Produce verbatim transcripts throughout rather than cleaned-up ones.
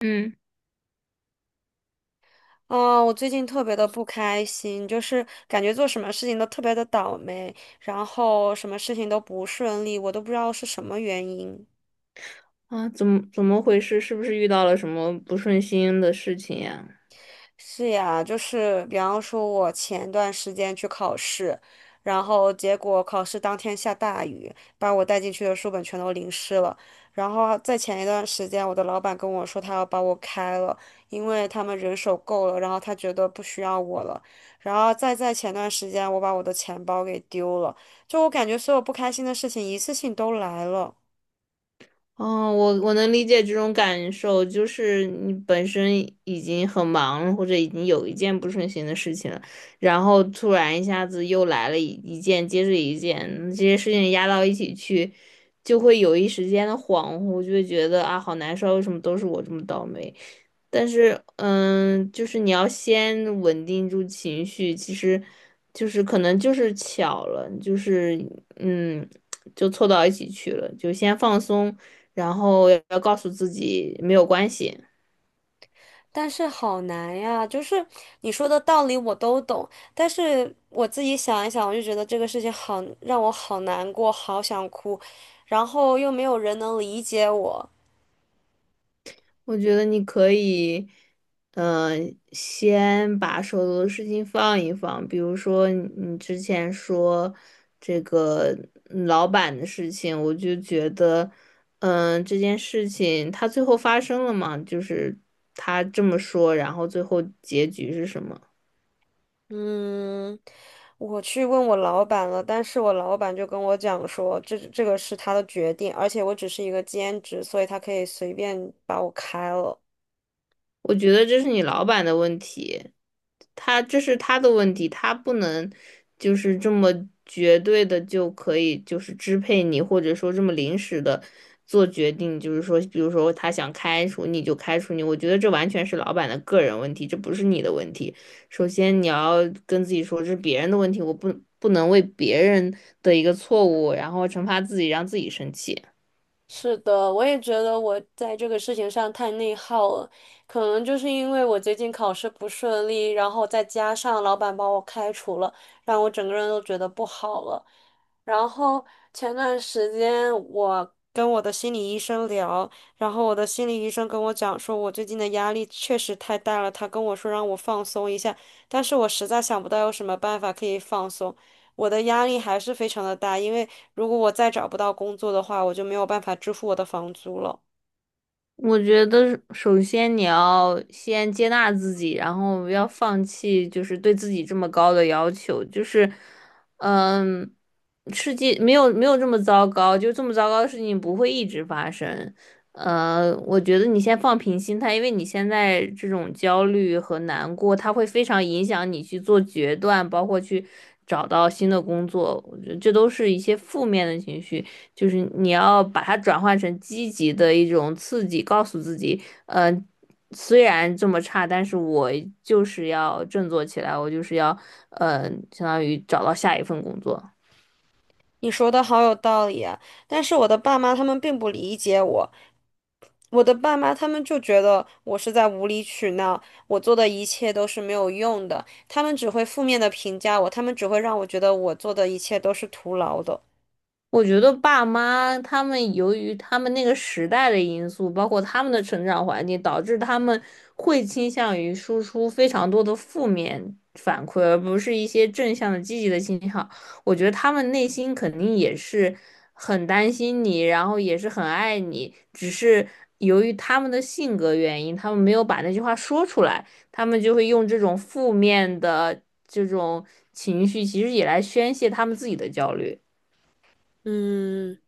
嗯。啊，我最近特别的不开心，就是感觉做什么事情都特别的倒霉，然后什么事情都不顺利，我都不知道是什么原因。啊，怎么怎么回事？是不是遇到了什么不顺心的事情呀？是呀，就是比方说，我前段时间去考试，然后结果考试当天下大雨，把我带进去的书本全都淋湿了。然后在前一段时间，我的老板跟我说他要把我开了，因为他们人手够了，然后他觉得不需要我了。然后再在前段时间，我把我的钱包给丢了，就我感觉所有不开心的事情一次性都来了。哦，我我能理解这种感受，就是你本身已经很忙了或者已经有一件不顺心的事情了，然后突然一下子又来了一一件接着一件，这些事情压到一起去，就会有一时间的恍惚，就会觉得啊，好难受，为什么都是我这么倒霉？但是，嗯，就是你要先稳定住情绪，其实就是可能就是巧了，就是嗯，就凑到一起去了，就先放松，然后要要告诉自己没有关系。但是好难呀，就是你说的道理我都懂，但是我自己想一想，我就觉得这个事情好，让我好难过，好想哭，然后又没有人能理解我。我觉得你可以，嗯、先把手头的事情放一放，比如说你你之前说这个嗯老板的事情，我就觉得，嗯、这件事情它最后发生了嘛，就是他这么说，然后最后结局是什么？嗯，我去问我老板了，但是我老板就跟我讲说，这这个是他的决定，而且我只是一个兼职，所以他可以随便把我开了。我觉得这是你老板的问题，他这是他的问题，他不能就是这么绝对的就可以就是支配你，或者说这么临时的做决定，就是说，比如说他想开除你就开除你，我觉得这完全是老板的个人问题，这不是你的问题。首先你要跟自己说，这是别人的问题，我不不能为别人的一个错误，然后惩罚自己，让自己生气。是的，我也觉得我在这个事情上太内耗了，可能就是因为我最近考试不顺利，然后再加上老板把我开除了，让我整个人都觉得不好了。然后前段时间我跟我的心理医生聊，然后我的心理医生跟我讲说，我最近的压力确实太大了，他跟我说让我放松一下，但是我实在想不到有什么办法可以放松。我的压力还是非常的大，因为如果我再找不到工作的话，我就没有办法支付我的房租了。我觉得首先你要先接纳自己，然后要放弃就是对自己这么高的要求，就是，嗯，世界没有没有这么糟糕，就这么糟糕的事情不会一直发生。呃，我觉得你先放平心态，因为你现在这种焦虑和难过，它会非常影响你去做决断，包括去找到新的工作，我觉得这都是一些负面的情绪。就是你要把它转换成积极的一种刺激，告诉自己，嗯、虽然这么差，但是我就是要振作起来，我就是要，嗯、相当于找到下一份工作。你说的好有道理啊，但是我的爸妈他们并不理解我，我的爸妈他们就觉得我是在无理取闹，我做的一切都是没有用的，他们只会负面的评价我，他们只会让我觉得我做的一切都是徒劳的。我觉得爸妈他们由于他们那个时代的因素，包括他们的成长环境，导致他们会倾向于输出非常多的负面反馈，而不是一些正向的、积极的信号。我觉得他们内心肯定也是很担心你，然后也是很爱你，只是由于他们的性格原因，他们没有把那句话说出来，他们就会用这种负面的这种情绪，其实也来宣泄他们自己的焦虑。嗯。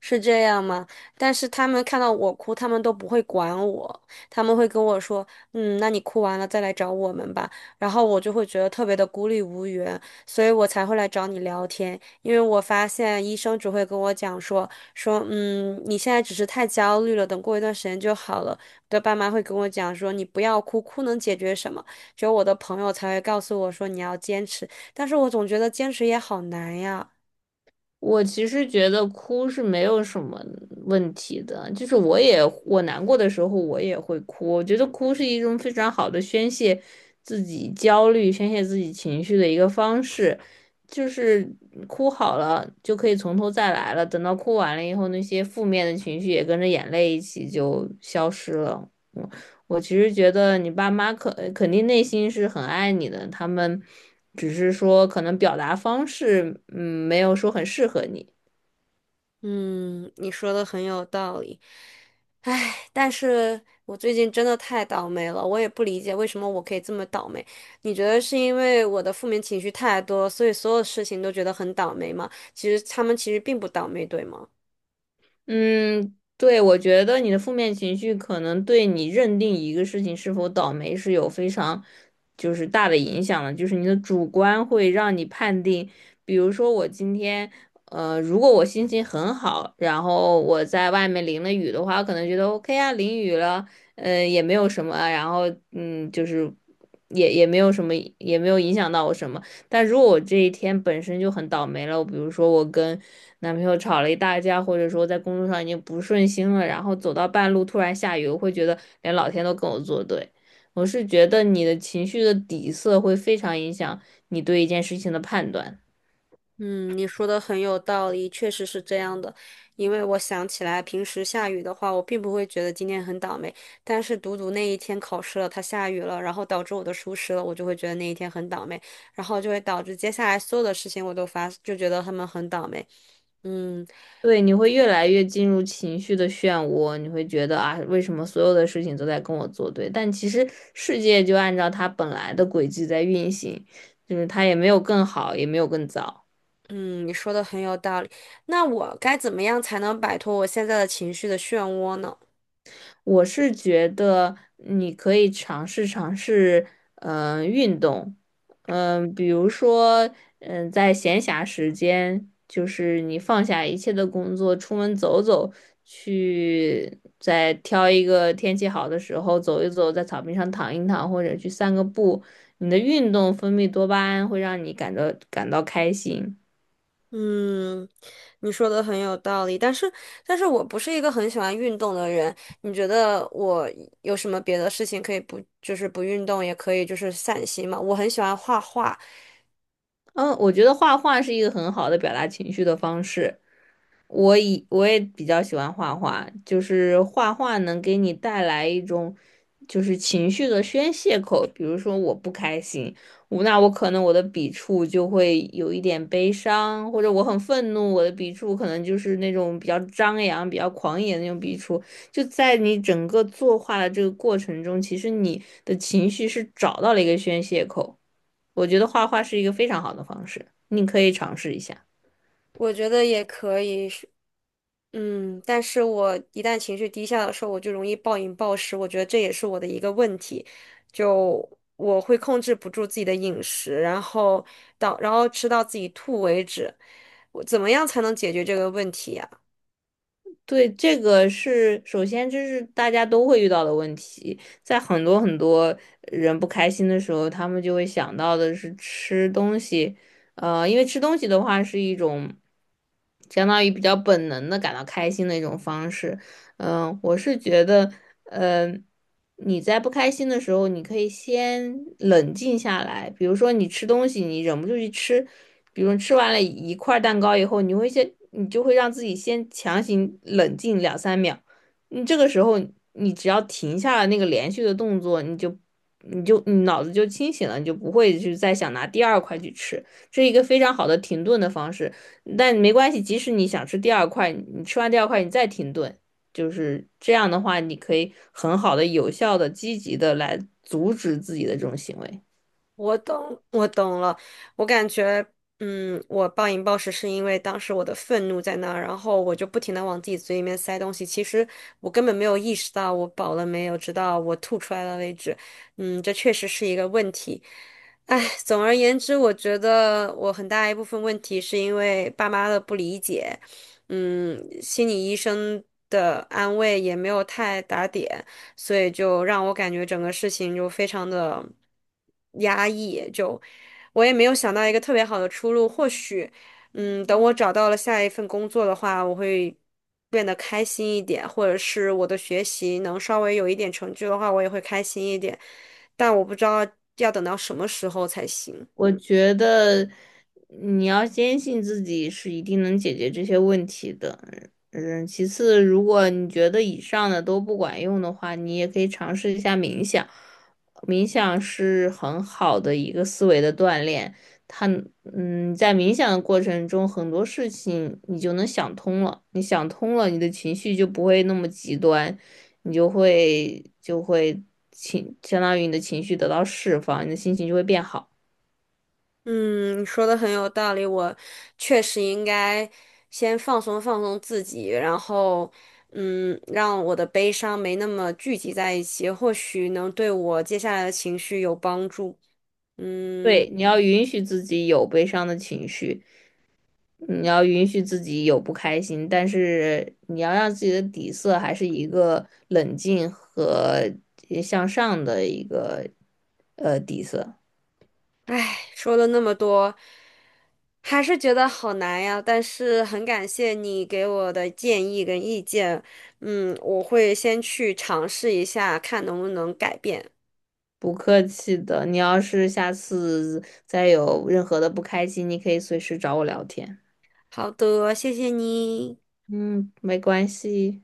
是这样吗？但是他们看到我哭，他们都不会管我，他们会跟我说：“嗯，那你哭完了再来找我们吧。”然后我就会觉得特别的孤立无援，所以我才会来找你聊天。因为我发现医生只会跟我讲说说，嗯，你现在只是太焦虑了，等过一段时间就好了。我的爸妈会跟我讲说，你不要哭，哭能解决什么？只有我的朋友才会告诉我说你要坚持，但是我总觉得坚持也好难呀。我其实觉得哭是没有什么问题的，就是我也我难过的时候我也会哭，我觉得哭是一种非常好的宣泄自己焦虑、宣泄自己情绪的一个方式，就是哭好了就可以从头再来了，等到哭完了以后，那些负面的情绪也跟着眼泪一起就消失了。嗯，我其实觉得你爸妈肯肯定内心是很爱你的，他们。只是说可能表达方式，嗯，没有说很适合你。嗯，你说的很有道理。唉，但是我最近真的太倒霉了，我也不理解为什么我可以这么倒霉。你觉得是因为我的负面情绪太多，所以所有事情都觉得很倒霉吗？其实他们其实并不倒霉，对吗？嗯，对，我觉得你的负面情绪可能对你认定一个事情是否倒霉是有非常就是大的影响的，就是你的主观会让你判定，比如说我今天。呃，如果我心情很好，然后我在外面淋了雨的话，我可能觉得 OK 啊，淋雨了，呃，也没有什么啊，然后嗯，就是也也没有什么，也没有影响到我什么。但如果我这一天本身就很倒霉了，比如说我跟男朋友吵了一大架，或者说在工作上已经不顺心了，然后走到半路突然下雨，我会觉得连老天都跟我作对。我是觉得你的情绪的底色会非常影响你对一件事情的判断。嗯，你说的很有道理，确实是这样的。因为我想起来，平时下雨的话，我并不会觉得今天很倒霉，但是独独那一天考试了，它下雨了，然后导致我的疏失了，我就会觉得那一天很倒霉，然后就会导致接下来所有的事情我都发，就觉得他们很倒霉。嗯对，你会越来越进入情绪的漩涡，你会觉得啊，为什么所有的事情都在跟我作对？但其实世界就按照它本来的轨迹在运行，就是它也没有更好，也没有更糟。嗯，你说的很有道理。那我该怎么样才能摆脱我现在的情绪的漩涡呢？我是觉得你可以尝试尝试，嗯、运动，嗯、比如说，嗯、在闲暇时间，就是你放下一切的工作，出门走走，去再挑一个天气好的时候走一走，在草坪上躺一躺，或者去散个步，你的运动分泌多巴胺会让你感到感到开心。嗯，你说的很有道理，但是，但是我不是一个很喜欢运动的人。你觉得我有什么别的事情可以不，就是不运动也可以，就是散心嘛？我很喜欢画画，嗯，我觉得画画是一个很好的表达情绪的方式。我以我也比较喜欢画画，就是画画能给你带来一种就是情绪的宣泄口。比如说我不开心，我那我可能我的笔触就会有一点悲伤，或者我很愤怒，我的笔触可能就是那种比较张扬、比较狂野的那种笔触。就在你整个作画的这个过程中，其实你的情绪是找到了一个宣泄口。我觉得画画是一个非常好的方式，你可以尝试一下。我觉得也可以是嗯，但是我一旦情绪低下的时候，我就容易暴饮暴食，我觉得这也是我的一个问题，就我会控制不住自己的饮食，然后到，然后吃到自己吐为止。我怎么样才能解决这个问题呀？对，这个是首先这是大家都会遇到的问题，在很多很多人不开心的时候，他们就会想到的是吃东西。呃，因为吃东西的话是一种相当于比较本能的感到开心的一种方式，嗯，我是觉得，嗯，你在不开心的时候，你可以先冷静下来。比如说，你吃东西，你忍不住去吃，比如吃完了一块蛋糕以后，你会先，你就会让自己先强行冷静两三秒。你这个时候，你只要停下了那个连续的动作，你就，你就，你脑子就清醒了，你就不会去再想拿第二块去吃。这是一个非常好的停顿的方式。但没关系，即使你想吃第二块，你吃完第二块，你再停顿。就是这样的话，你可以很好的、有效的、积极的来阻止自己的这种行为。我懂，我懂了。我感觉，嗯，我暴饮暴食是因为当时我的愤怒在那儿，然后我就不停的往自己嘴里面塞东西。其实我根本没有意识到我饱了没有，直到我吐出来了为止。嗯，这确实是一个问题。唉，总而言之，我觉得我很大一部分问题是因为爸妈的不理解，嗯，心理医生的安慰也没有太打点。所以就让我感觉整个事情就非常的压抑，就我也没有想到一个特别好的出路。或许，嗯，等我找到了下一份工作的话，我会变得开心一点，或者是我的学习能稍微有一点成就的话，我也会开心一点。但我不知道要等到什么时候才行。我觉得你要坚信自己是一定能解决这些问题的。嗯，其次，如果你觉得以上的都不管用的话，你也可以尝试一下冥想。冥想是很好的一个思维的锻炼，它嗯，在冥想的过程中，很多事情你就能想通了。你想通了，你的情绪就不会那么极端，你就会就会情，相当于你的情绪得到释放，你的心情就会变好。嗯，你说的很有道理，我确实应该先放松放松自己，然后，嗯，让我的悲伤没那么聚集在一起，或许能对我接下来的情绪有帮助。嗯，对，你要允许自己有悲伤的情绪，你要允许自己有不开心，但是你要让自己的底色还是一个冷静和呃向上的一个呃底色。唉，说了那么多，还是觉得好难呀，但是很感谢你给我的建议跟意见，嗯，我会先去尝试一下，看能不能改变。不客气的，你要是下次再有任何的不开心，你可以随时找我聊天。好的，谢谢你。嗯，没关系。